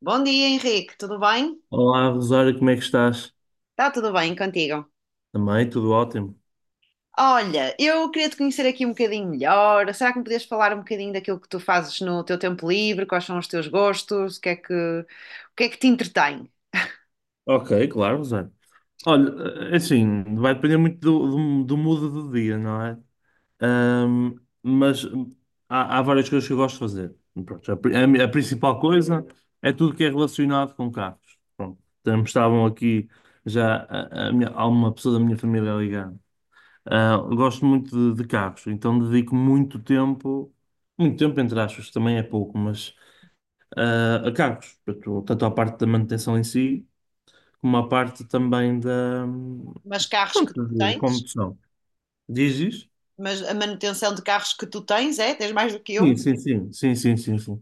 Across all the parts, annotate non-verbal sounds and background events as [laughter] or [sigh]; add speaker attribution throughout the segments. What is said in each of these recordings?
Speaker 1: Bom dia, Henrique. Tudo bem?
Speaker 2: Olá, Rosário, como é que estás?
Speaker 1: Está tudo bem contigo?
Speaker 2: Também, tudo ótimo.
Speaker 1: Olha, eu queria te conhecer aqui um bocadinho melhor. Será que me podias falar um bocadinho daquilo que tu fazes no teu tempo livre? Quais são os teus gostos? O que é que te entretém?
Speaker 2: Ok, claro, Rosário. Olha, assim, vai depender muito do mood do dia, não é? Mas há várias coisas que eu gosto de fazer. Pronto, a principal coisa é tudo que é relacionado com carros. Pronto, estavam aqui já há uma pessoa da minha família ligando. Eu gosto muito de carros, então dedico muito tempo entre aspas, também é pouco, mas a carros, portanto, tanto a parte da manutenção em si, como a parte também da,
Speaker 1: Mas carros que
Speaker 2: pronto,
Speaker 1: tu
Speaker 2: de
Speaker 1: tens?
Speaker 2: condução. Diz isso?
Speaker 1: Mas a manutenção de carros que tu tens, é? Tens mais do que
Speaker 2: Sim,
Speaker 1: um?
Speaker 2: sim, sim, sim, sim, sim, sim.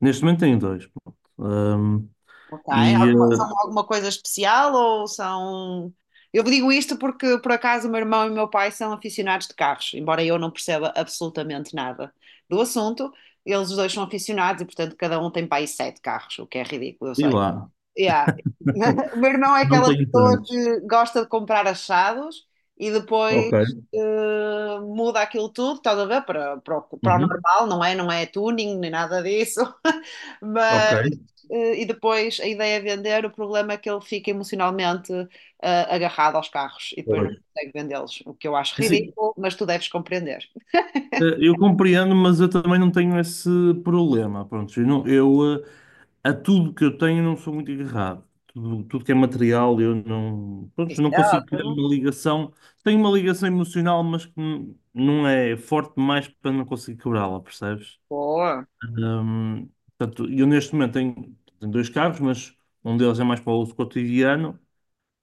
Speaker 2: Neste momento tenho dois, pronto.
Speaker 1: Ok.
Speaker 2: E,
Speaker 1: Alguma,
Speaker 2: eh,
Speaker 1: são alguma coisa especial ou são? Eu digo isto porque, por acaso, o meu irmão e o meu pai são aficionados de carros, embora eu não perceba absolutamente nada do assunto. Eles os dois são aficionados e, portanto, cada um tem para aí sete carros, o que é ridículo, eu
Speaker 2: e
Speaker 1: sei.
Speaker 2: lá,
Speaker 1: Yeah.
Speaker 2: [laughs]
Speaker 1: [laughs] O meu irmão é
Speaker 2: não
Speaker 1: aquela
Speaker 2: tenho
Speaker 1: pessoa
Speaker 2: tantos.
Speaker 1: que gosta de comprar achados e depois
Speaker 2: Ok.
Speaker 1: muda aquilo tudo, estás a ver? Para o
Speaker 2: Uhum.
Speaker 1: normal, não é? Não é tuning nem nada disso. [laughs]
Speaker 2: Ok.
Speaker 1: Mas, e depois a ideia é vender. O problema é que ele fica emocionalmente agarrado aos carros e depois não
Speaker 2: Pois.
Speaker 1: consegue vendê-los, o que eu acho
Speaker 2: É assim,
Speaker 1: ridículo, mas tu deves compreender.
Speaker 2: eu compreendo, mas eu também não tenho esse problema. Pronto. Eu, não- eu, eh, A tudo que eu tenho não sou muito agarrado. Tudo que é material eu não, pronto,
Speaker 1: Isso
Speaker 2: não
Speaker 1: é
Speaker 2: consigo criar
Speaker 1: ótimo.
Speaker 2: uma ligação. Tenho uma ligação emocional, mas que não é forte demais para não conseguir quebrá-la, percebes?
Speaker 1: Boa.
Speaker 2: Hum, Portanto, eu neste momento tenho dois carros, mas um deles é mais para o uso cotidiano,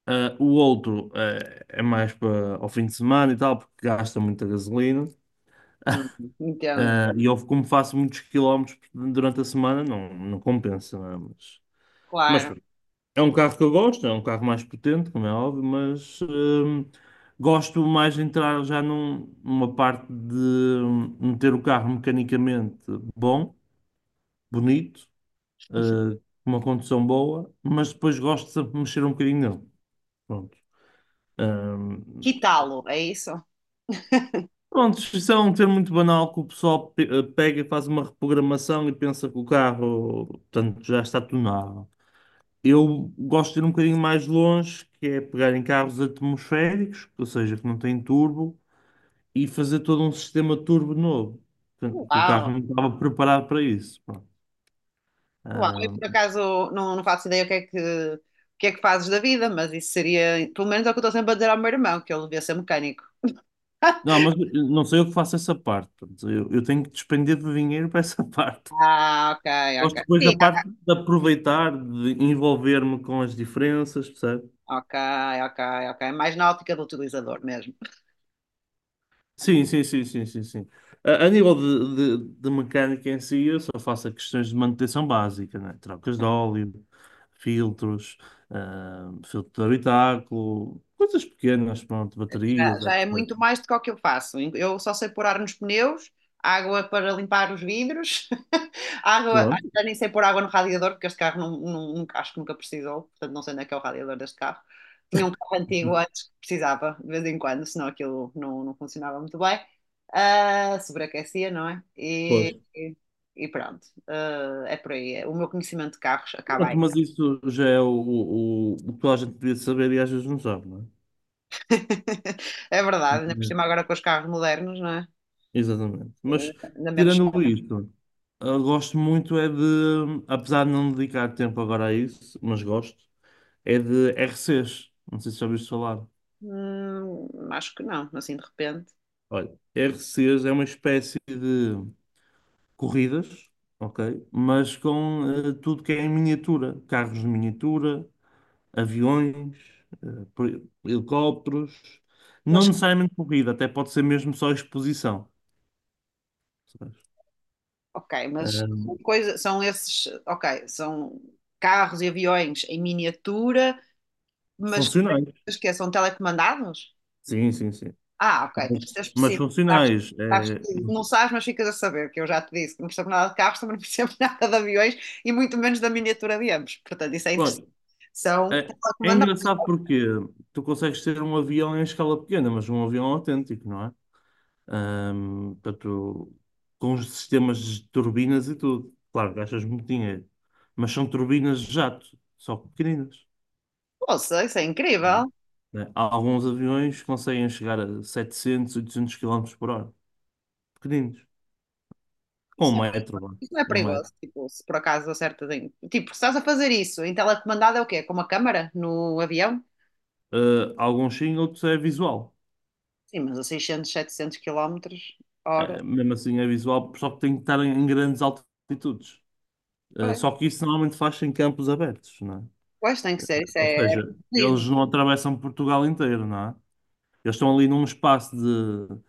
Speaker 2: o outro é mais para ao fim de semana e tal, porque gasta muita gasolina.
Speaker 1: Hum, entendo,
Speaker 2: E eu, como faço muitos quilómetros durante a semana, não compensa, não é? Mas,
Speaker 1: claro.
Speaker 2: mas É um carro que eu gosto, é um carro mais potente, como é óbvio, mas gosto mais de entrar já numa parte de meter o carro mecanicamente bom, bonito, eh, com uma condução boa, mas depois gosto de sempre mexer um bocadinho nele. Pronto. Hum,
Speaker 1: Quitá-lo, é isso?
Speaker 2: Pronto, isso é um termo muito banal que o pessoal pega e faz uma reprogramação e pensa que o carro, portanto, já está tunado. Eu gosto de ir um bocadinho mais longe, que é pegar em carros atmosféricos, ou seja, que não têm turbo, e fazer todo um sistema turbo novo. Portanto, o
Speaker 1: Uau!
Speaker 2: carro não estava preparado para isso. Pronto.
Speaker 1: Uau, eu
Speaker 2: Ah,
Speaker 1: por acaso não faço ideia o que é que fazes da vida, mas isso seria, pelo menos é o que eu estou sempre a dizer ao meu irmão, que ele devia ser mecânico.
Speaker 2: não, mas não sei eu que faço essa parte. Portanto, eu tenho que despender de dinheiro para essa [laughs] parte.
Speaker 1: Ah, ok.
Speaker 2: Gosto depois da
Speaker 1: Sim,
Speaker 2: parte de aproveitar, de envolver-me com as diferenças, percebe?
Speaker 1: ah, ok, ok, ok. Mais na ótica do utilizador mesmo.
Speaker 2: Sim, sim, sim, sim, sim, sim. A nível de mecânica em si, eu só faço questões de manutenção básica, né? Trocas de óleo, filtros, filtro de habitáculo, coisas pequenas, pronto,
Speaker 1: Já,
Speaker 2: baterias,
Speaker 1: já é
Speaker 2: etc.
Speaker 1: muito mais do que o que eu faço. Eu só sei pôr ar nos pneus, água para limpar os vidros, [laughs] água,
Speaker 2: Pronto,
Speaker 1: já nem sei pôr água no radiador, porque este carro acho que nunca precisou, portanto não sei onde é que é o radiador deste carro. Tinha um carro antigo
Speaker 2: [laughs]
Speaker 1: antes que precisava, de vez em quando, senão aquilo não funcionava muito bem. Ah, sobreaquecia, não é?
Speaker 2: pois.
Speaker 1: E pronto. Ah, é por aí. É. O meu conhecimento de carros acaba
Speaker 2: Pronto,
Speaker 1: aí.
Speaker 2: mas isso já é o que toda a gente devia saber e às vezes não sabe, não é?
Speaker 1: [laughs] É verdade, ainda por cima
Speaker 2: Mas-
Speaker 1: agora com os carros modernos, não é?
Speaker 2: Exatamente. Mas,
Speaker 1: Ah, ainda menos.
Speaker 2: tirando isto, eu gosto muito é de, apesar de não dedicar tempo agora a isso, mas gosto, é de RCs. Não sei se já ouviste falar.
Speaker 1: Acho que não, assim de repente.
Speaker 2: Olha, RCs é uma espécie de corridas, ok? Mas com tudo que é em miniatura. Carros de miniatura, aviões, helicópteros. Não
Speaker 1: Mas,
Speaker 2: necessariamente corrida, até pode ser mesmo só exposição. Sabes?
Speaker 1: ok, mas são
Speaker 2: Ahm,
Speaker 1: coisa, são esses, ok, são carros e aviões em miniatura, mas,
Speaker 2: Funcionais.
Speaker 1: mas que é, são telecomandados?
Speaker 2: Sim, sim, sim.
Speaker 1: Ah, ok,
Speaker 2: Mas,
Speaker 1: tens que ser
Speaker 2: mas
Speaker 1: específico. Sabes,
Speaker 2: funcionais.
Speaker 1: sabes
Speaker 2: É.
Speaker 1: que não sabes, mas ficas a saber, que eu já te disse que não percebo nada de carros, também não percebo [laughs] nada de aviões e muito menos da miniatura de ambos. Portanto, isso é interessante.
Speaker 2: Claro,
Speaker 1: São
Speaker 2: é, é
Speaker 1: telecomandados.
Speaker 2: engraçado porque tu consegues ter um avião em escala pequena, mas um avião autêntico, não é? Portanto, com os sistemas de turbinas e tudo. Claro, gastas muito dinheiro, mas são turbinas de jato, só que pequeninas.
Speaker 1: Poxa, isso é incrível.
Speaker 2: Né? Há alguns aviões que conseguem chegar a 700, 800 km por hora, pequeninos, com 1 metro, vá,
Speaker 1: Isso não é
Speaker 2: 1 metro.
Speaker 1: perigoso, tipo, se por acaso acertas em... Tipo, se estás a fazer isso em telecomandado é o quê? Com uma câmara no avião?
Speaker 2: Alguns sim, outros é visual.
Speaker 1: Sim, mas a 600, 700 quilómetros hora.
Speaker 2: Mesmo assim é visual, só que tem que estar em grandes altitudes.
Speaker 1: Pois,
Speaker 2: Só que isso normalmente faz em campos abertos, não é?
Speaker 1: pois, tem que ser, isso
Speaker 2: Ou
Speaker 1: é
Speaker 2: seja,
Speaker 1: aeromodelismo,
Speaker 2: eles não atravessam Portugal inteiro, não é? Eles estão ali num espaço de,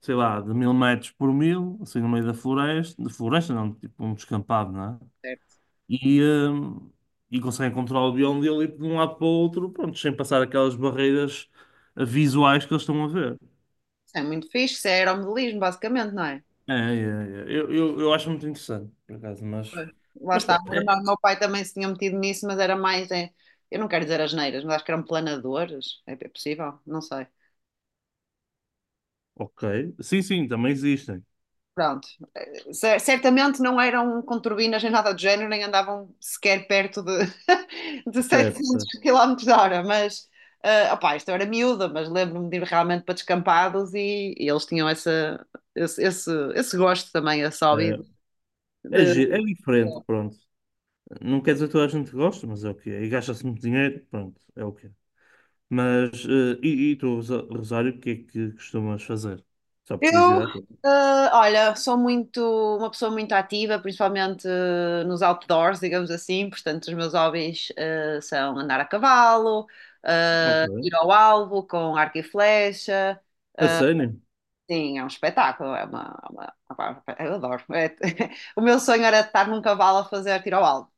Speaker 2: sei lá, de mil metros por mil, assim no meio da floresta, de floresta não, tipo um descampado, não é?
Speaker 1: certo?
Speaker 2: E, hum, e conseguem controlar o bioma dele de um lado para o outro, pronto, sem passar aquelas barreiras visuais que eles estão a ver.
Speaker 1: Isso é muito fixe, isso é aeromodelismo, basicamente, não é?
Speaker 2: É, é, é. Eu acho muito interessante, por acaso, mas.
Speaker 1: Pois, lá
Speaker 2: Mas,
Speaker 1: está,
Speaker 2: pá,
Speaker 1: o meu irmão,
Speaker 2: é,
Speaker 1: o meu pai também se tinha metido nisso, mas era mais, é, eu não quero dizer asneiras, mas acho que eram planadores, é é possível, não sei.
Speaker 2: ok. Sim, sim, também existem.
Speaker 1: Pronto, certamente não eram com turbinas nem nada do género, nem andavam sequer perto de, [laughs] de
Speaker 2: Certo,
Speaker 1: 700
Speaker 2: certo.
Speaker 1: km hora, mas ah, opá, isto eu era miúda, mas lembro-me de ir realmente para descampados e eles tinham esse gosto também, esse hobby
Speaker 2: É, é,
Speaker 1: de-
Speaker 2: gi- é diferente, pronto. Não quer dizer que toda a gente gosta, mas é o que é. E gasta-se muito dinheiro, pronto, é o que é. Mas, e tu, Rosário, o que é que costumas fazer? Só por
Speaker 1: Eu,
Speaker 2: curiosidade.
Speaker 1: olha, sou uma pessoa muito ativa, principalmente nos outdoors, digamos assim. Portanto, os meus hobbies são andar a cavalo,
Speaker 2: Ok.
Speaker 1: ir ao alvo com arco e flecha.
Speaker 2: A sério?
Speaker 1: Sim, é um espetáculo, é uma- opá, eu adoro. É- [laughs] o meu sonho era estar num cavalo a fazer tiro ao alvo.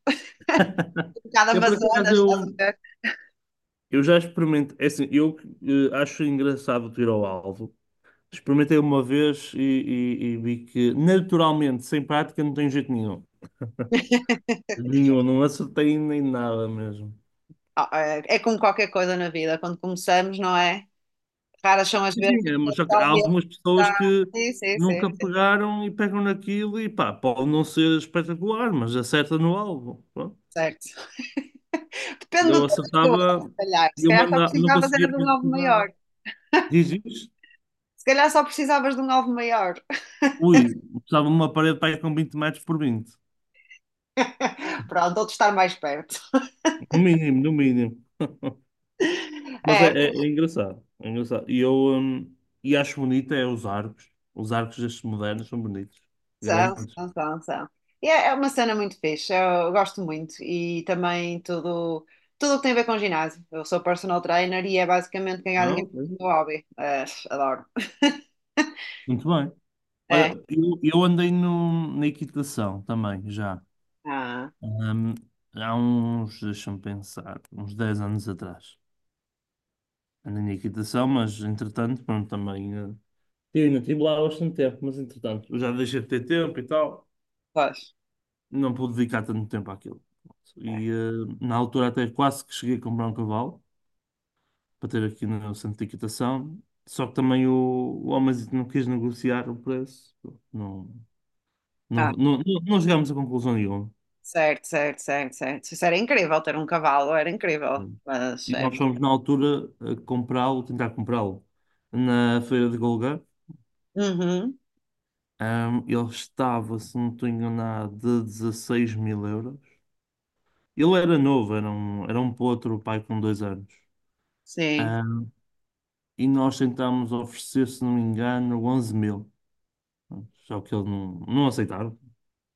Speaker 2: [laughs]
Speaker 1: Um bocado
Speaker 2: Eu, por acaso,
Speaker 1: Amazonas, estás a ver?
Speaker 2: eu já experimentei. É assim, eu acho engraçado o tiro ao alvo. Experimentei uma vez e, e vi que, naturalmente, sem prática, não tem jeito nenhum. Nenhum, não acertei nem nada mesmo.
Speaker 1: Ah, é é como qualquer coisa na vida, quando começamos, não é? Raras são as
Speaker 2: Sim,
Speaker 1: vezes
Speaker 2: sim, é,
Speaker 1: que
Speaker 2: mas só que há
Speaker 1: realmente
Speaker 2: algumas
Speaker 1: dá-
Speaker 2: pessoas que
Speaker 1: Sim, sim, sim,
Speaker 2: nunca pegaram e pegam naquilo e pá, pode não ser espetacular, mas acerta no alvo.
Speaker 1: certo. Depende do
Speaker 2: Eu
Speaker 1: tamanho do ovo,
Speaker 2: acertava,
Speaker 1: se calhar. Se
Speaker 2: eu
Speaker 1: calhar só
Speaker 2: mandava, não
Speaker 1: precisavas era
Speaker 2: conseguia
Speaker 1: de um alvo
Speaker 2: concretizar.
Speaker 1: maior.
Speaker 2: Diz isso?
Speaker 1: Se calhar só precisavas de um alvo maior.
Speaker 2: Ui, estava numa parede para aí com 20 metros por 20.
Speaker 1: [laughs] Pronto, outro estar mais perto.
Speaker 2: No mínimo, no mínimo.
Speaker 1: [laughs]
Speaker 2: Mas é,
Speaker 1: É, mas
Speaker 2: é engraçado. É engraçado. E eu hum, e acho bonito é os arcos. Os arcos destes modernos são bonitos.
Speaker 1: são,
Speaker 2: Grandes.
Speaker 1: são, são, são. E é é uma cena muito fixe, eu gosto muito. E também tudo, tudo o que tem a ver com ginásio. Eu sou personal trainer e é basicamente ganhar
Speaker 2: Ah,
Speaker 1: dinheiro
Speaker 2: ok.
Speaker 1: com o meu hobby. É, adoro. [laughs]
Speaker 2: Muito bem. Olha,
Speaker 1: É.
Speaker 2: eu andei no, na equitação também, já.
Speaker 1: Ah,
Speaker 2: Hum, Há uns, deixa-me pensar, uns 10 anos atrás. Andei na equitação, mas entretanto, pronto, também. Eu ainda estive lá bastante tempo, mas entretanto, eu já deixei de ter tempo e tal,
Speaker 1: pois.
Speaker 2: não pude dedicar tanto tempo àquilo.
Speaker 1: É.
Speaker 2: E na altura até quase que cheguei a comprar um cavalo para ter aqui no centro de equitação, só que também o homenzito não quis negociar o preço, não, não,
Speaker 1: Ah,
Speaker 2: não, não, não chegámos a conclusão nenhuma.
Speaker 1: certo. Isso era incrível ter um cavalo, era incrível. Mas
Speaker 2: E
Speaker 1: é.
Speaker 2: nós fomos na altura a comprá-lo, tentar comprá-lo na feira de Golgã.
Speaker 1: Uhum.
Speaker 2: Ele estava, se não estou enganado, de 16 mil euros. Ele era novo, era um potro, o pai com 2 anos.
Speaker 1: Sim,
Speaker 2: Ah, e nós tentámos oferecer, se não me engano, 11 mil. Só que eles não aceitaram.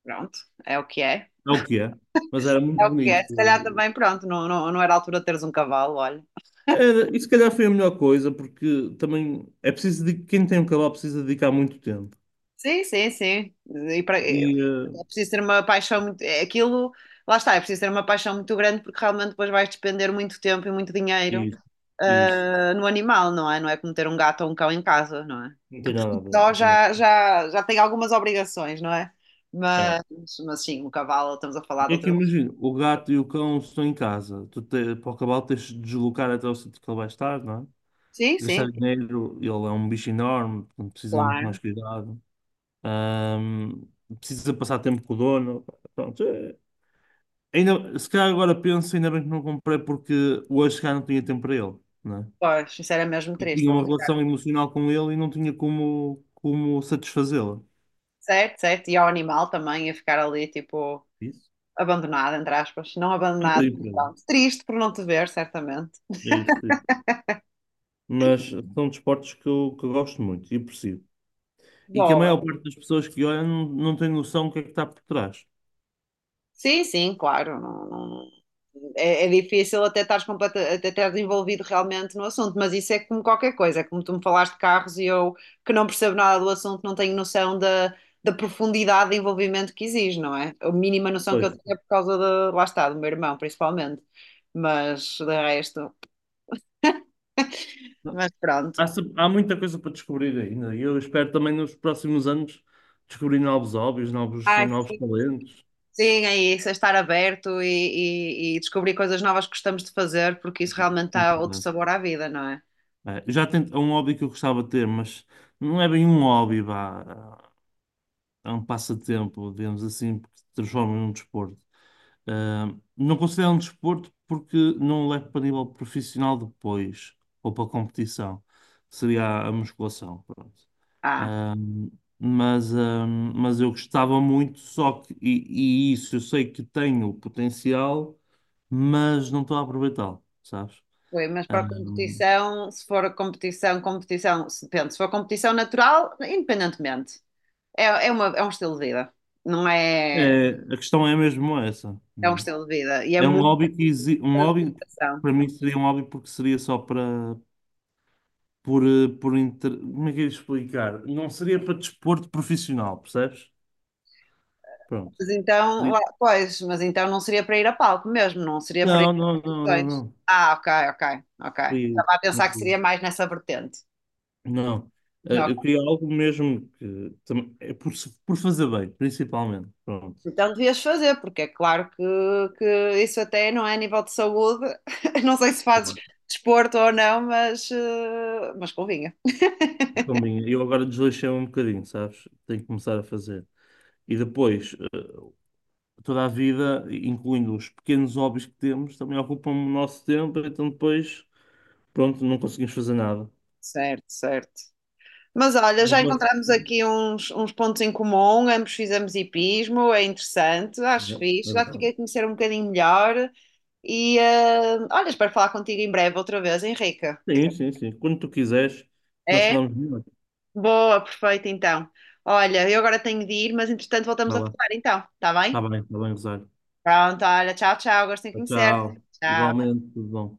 Speaker 1: pronto, é o que é.
Speaker 2: É o que é. Mas era muito
Speaker 1: É o que é.
Speaker 2: bonito.
Speaker 1: Se calhar também, pronto, não era a altura de teres um cavalo, olha.
Speaker 2: Era, e se calhar foi a melhor coisa, porque também é preciso de quem tem um cavalo precisa dedicar muito tempo.
Speaker 1: Sim, sim, sim. E para,
Speaker 2: E
Speaker 1: é preciso ter uma paixão muito. É aquilo, lá está, é preciso ter uma paixão muito grande porque realmente depois vais despender muito tempo e muito dinheiro,
Speaker 2: isso, isso.
Speaker 1: no animal, não é? Não é como ter um gato ou um cão em casa, não é?
Speaker 2: Não tem nada a ver.
Speaker 1: Só
Speaker 2: Não tem nada.
Speaker 1: já tem algumas obrigações, não é?
Speaker 2: É.
Speaker 1: Mas, mas sim, o cavalo, estamos a falar
Speaker 2: E
Speaker 1: de
Speaker 2: aqui
Speaker 1: outras.
Speaker 2: imagina, o gato e o cão estão em casa. Para o cavalo tens de deslocar até o sítio que ele vai estar, não é?
Speaker 1: Sim,
Speaker 2: Gastar
Speaker 1: sim,
Speaker 2: dinheiro, ele é um bicho enorme, portanto, precisa de muito mais
Speaker 1: claro.
Speaker 2: cuidado. Ahm, Precisa passar tempo com o dono. Pronto, ainda, se calhar agora penso, ainda bem que não comprei porque hoje se calhar não tinha tempo para ele, né?
Speaker 1: Pois, isso era mesmo
Speaker 2: E tinha
Speaker 1: triste.
Speaker 2: uma relação emocional com ele e não tinha como satisfazê-la.
Speaker 1: Certo, certo. E ao animal também, a ficar ali, tipo,
Speaker 2: Isso?
Speaker 1: abandonado, entre aspas. Não
Speaker 2: É um
Speaker 1: abandonado,
Speaker 2: bocadinho
Speaker 1: mas
Speaker 2: por aí.
Speaker 1: pronto. Triste por não te ver, certamente.
Speaker 2: É isso, é isso. Mas são desportos que que eu gosto muito e aprecio. E que a maior
Speaker 1: Boa.
Speaker 2: parte das pessoas que olham não tem noção do que é que está por trás.
Speaker 1: Sim, sim, claro. Não, não- É, é difícil até estares completa, até estares envolvido realmente no assunto, mas isso é como qualquer coisa. É como tu me falaste de carros e eu, que não percebo nada do assunto, não tenho noção da, da profundidade de envolvimento que exige, não é? A mínima noção que eu
Speaker 2: Pois.
Speaker 1: tenho é por causa de, lá está, do meu irmão, principalmente. Mas, de resto, mas pronto.
Speaker 2: Há, se- Há muita coisa para descobrir ainda. E eu espero também nos próximos anos descobrir novos hobbies,
Speaker 1: Ai,
Speaker 2: novos
Speaker 1: sim.
Speaker 2: talentos.
Speaker 1: Sim, é isso, é estar aberto e descobrir coisas novas que gostamos de fazer, porque isso realmente dá outro
Speaker 2: Muito.
Speaker 1: sabor à vida, não é?
Speaker 2: Já tento, é um hobby que eu gostava de ter, mas não é bem um hobby, vá. É um passatempo, digamos assim, porque se transforma num desporto. Não considero um desporto porque não o levo para nível profissional depois, ou para competição. Seria a musculação, pronto.
Speaker 1: Ah,
Speaker 2: Ah, mas eu gostava muito, só que, e isso eu sei que tenho potencial, mas não estou a aproveitá-lo, sabes?
Speaker 1: foi, mas
Speaker 2: Ah,
Speaker 1: para a competição, se for a competição, competição, se- depende, se for competição natural, independentemente, é um estilo de vida, não é?
Speaker 2: É, a questão é mesmo essa.
Speaker 1: É um estilo de vida e é
Speaker 2: É um
Speaker 1: muita
Speaker 2: hobby um hobby
Speaker 1: dedicação.
Speaker 2: para mim seria um hobby porque seria só para por eh, por inter... como é que eu ia explicar? Não seria para desporto profissional, percebes? Pronto.
Speaker 1: Mas então,
Speaker 2: Seria-
Speaker 1: lá- pois, mas então não seria para ir a palco mesmo, não seria para ir
Speaker 2: Não,
Speaker 1: a
Speaker 2: não, não, não,
Speaker 1: competições.
Speaker 2: não.
Speaker 1: Ah, ok.
Speaker 2: Seria-
Speaker 1: Estava a pensar que seria mais nessa vertente.
Speaker 2: Não. Eu
Speaker 1: Ok.
Speaker 2: queria algo mesmo é por, se- por fazer bem, principalmente. Pronto.
Speaker 1: Então devias fazer, porque é claro que isso até não é a nível de saúde. [laughs] Não sei se fazes desporto ou não, mas, mas convinha.
Speaker 2: Mas combina. Eu agora desleixei um bocadinho, sabes? Tenho que começar a fazer. E depois, toda a vida, incluindo os pequenos hobbies que temos, também ocupam o nosso tempo, então depois, pronto, não conseguimos fazer nada.
Speaker 1: Certo, certo. Mas olha,
Speaker 2: Mas,
Speaker 1: já
Speaker 2: mas-
Speaker 1: encontramos aqui uns, uns pontos em comum, ambos fizemos hipismo, é interessante, acho fixe,
Speaker 2: É
Speaker 1: já te
Speaker 2: verdade.
Speaker 1: fiquei a conhecer um bocadinho melhor e olha, espero falar contigo em breve outra vez, Henrique.
Speaker 2: Sim, sim, sim. Quando tu quiseres, nós
Speaker 1: É?
Speaker 2: falamos melhor.
Speaker 1: Boa, perfeito então. Olha, eu agora tenho de ir, mas entretanto voltamos
Speaker 2: Vai
Speaker 1: a
Speaker 2: lá.
Speaker 1: falar então, está bem?
Speaker 2: Está bem, Rosário.
Speaker 1: Pronto, olha, tchau, tchau, gosto em conhecer.
Speaker 2: Tchau.
Speaker 1: Tchau.
Speaker 2: Igualmente, tudo bom.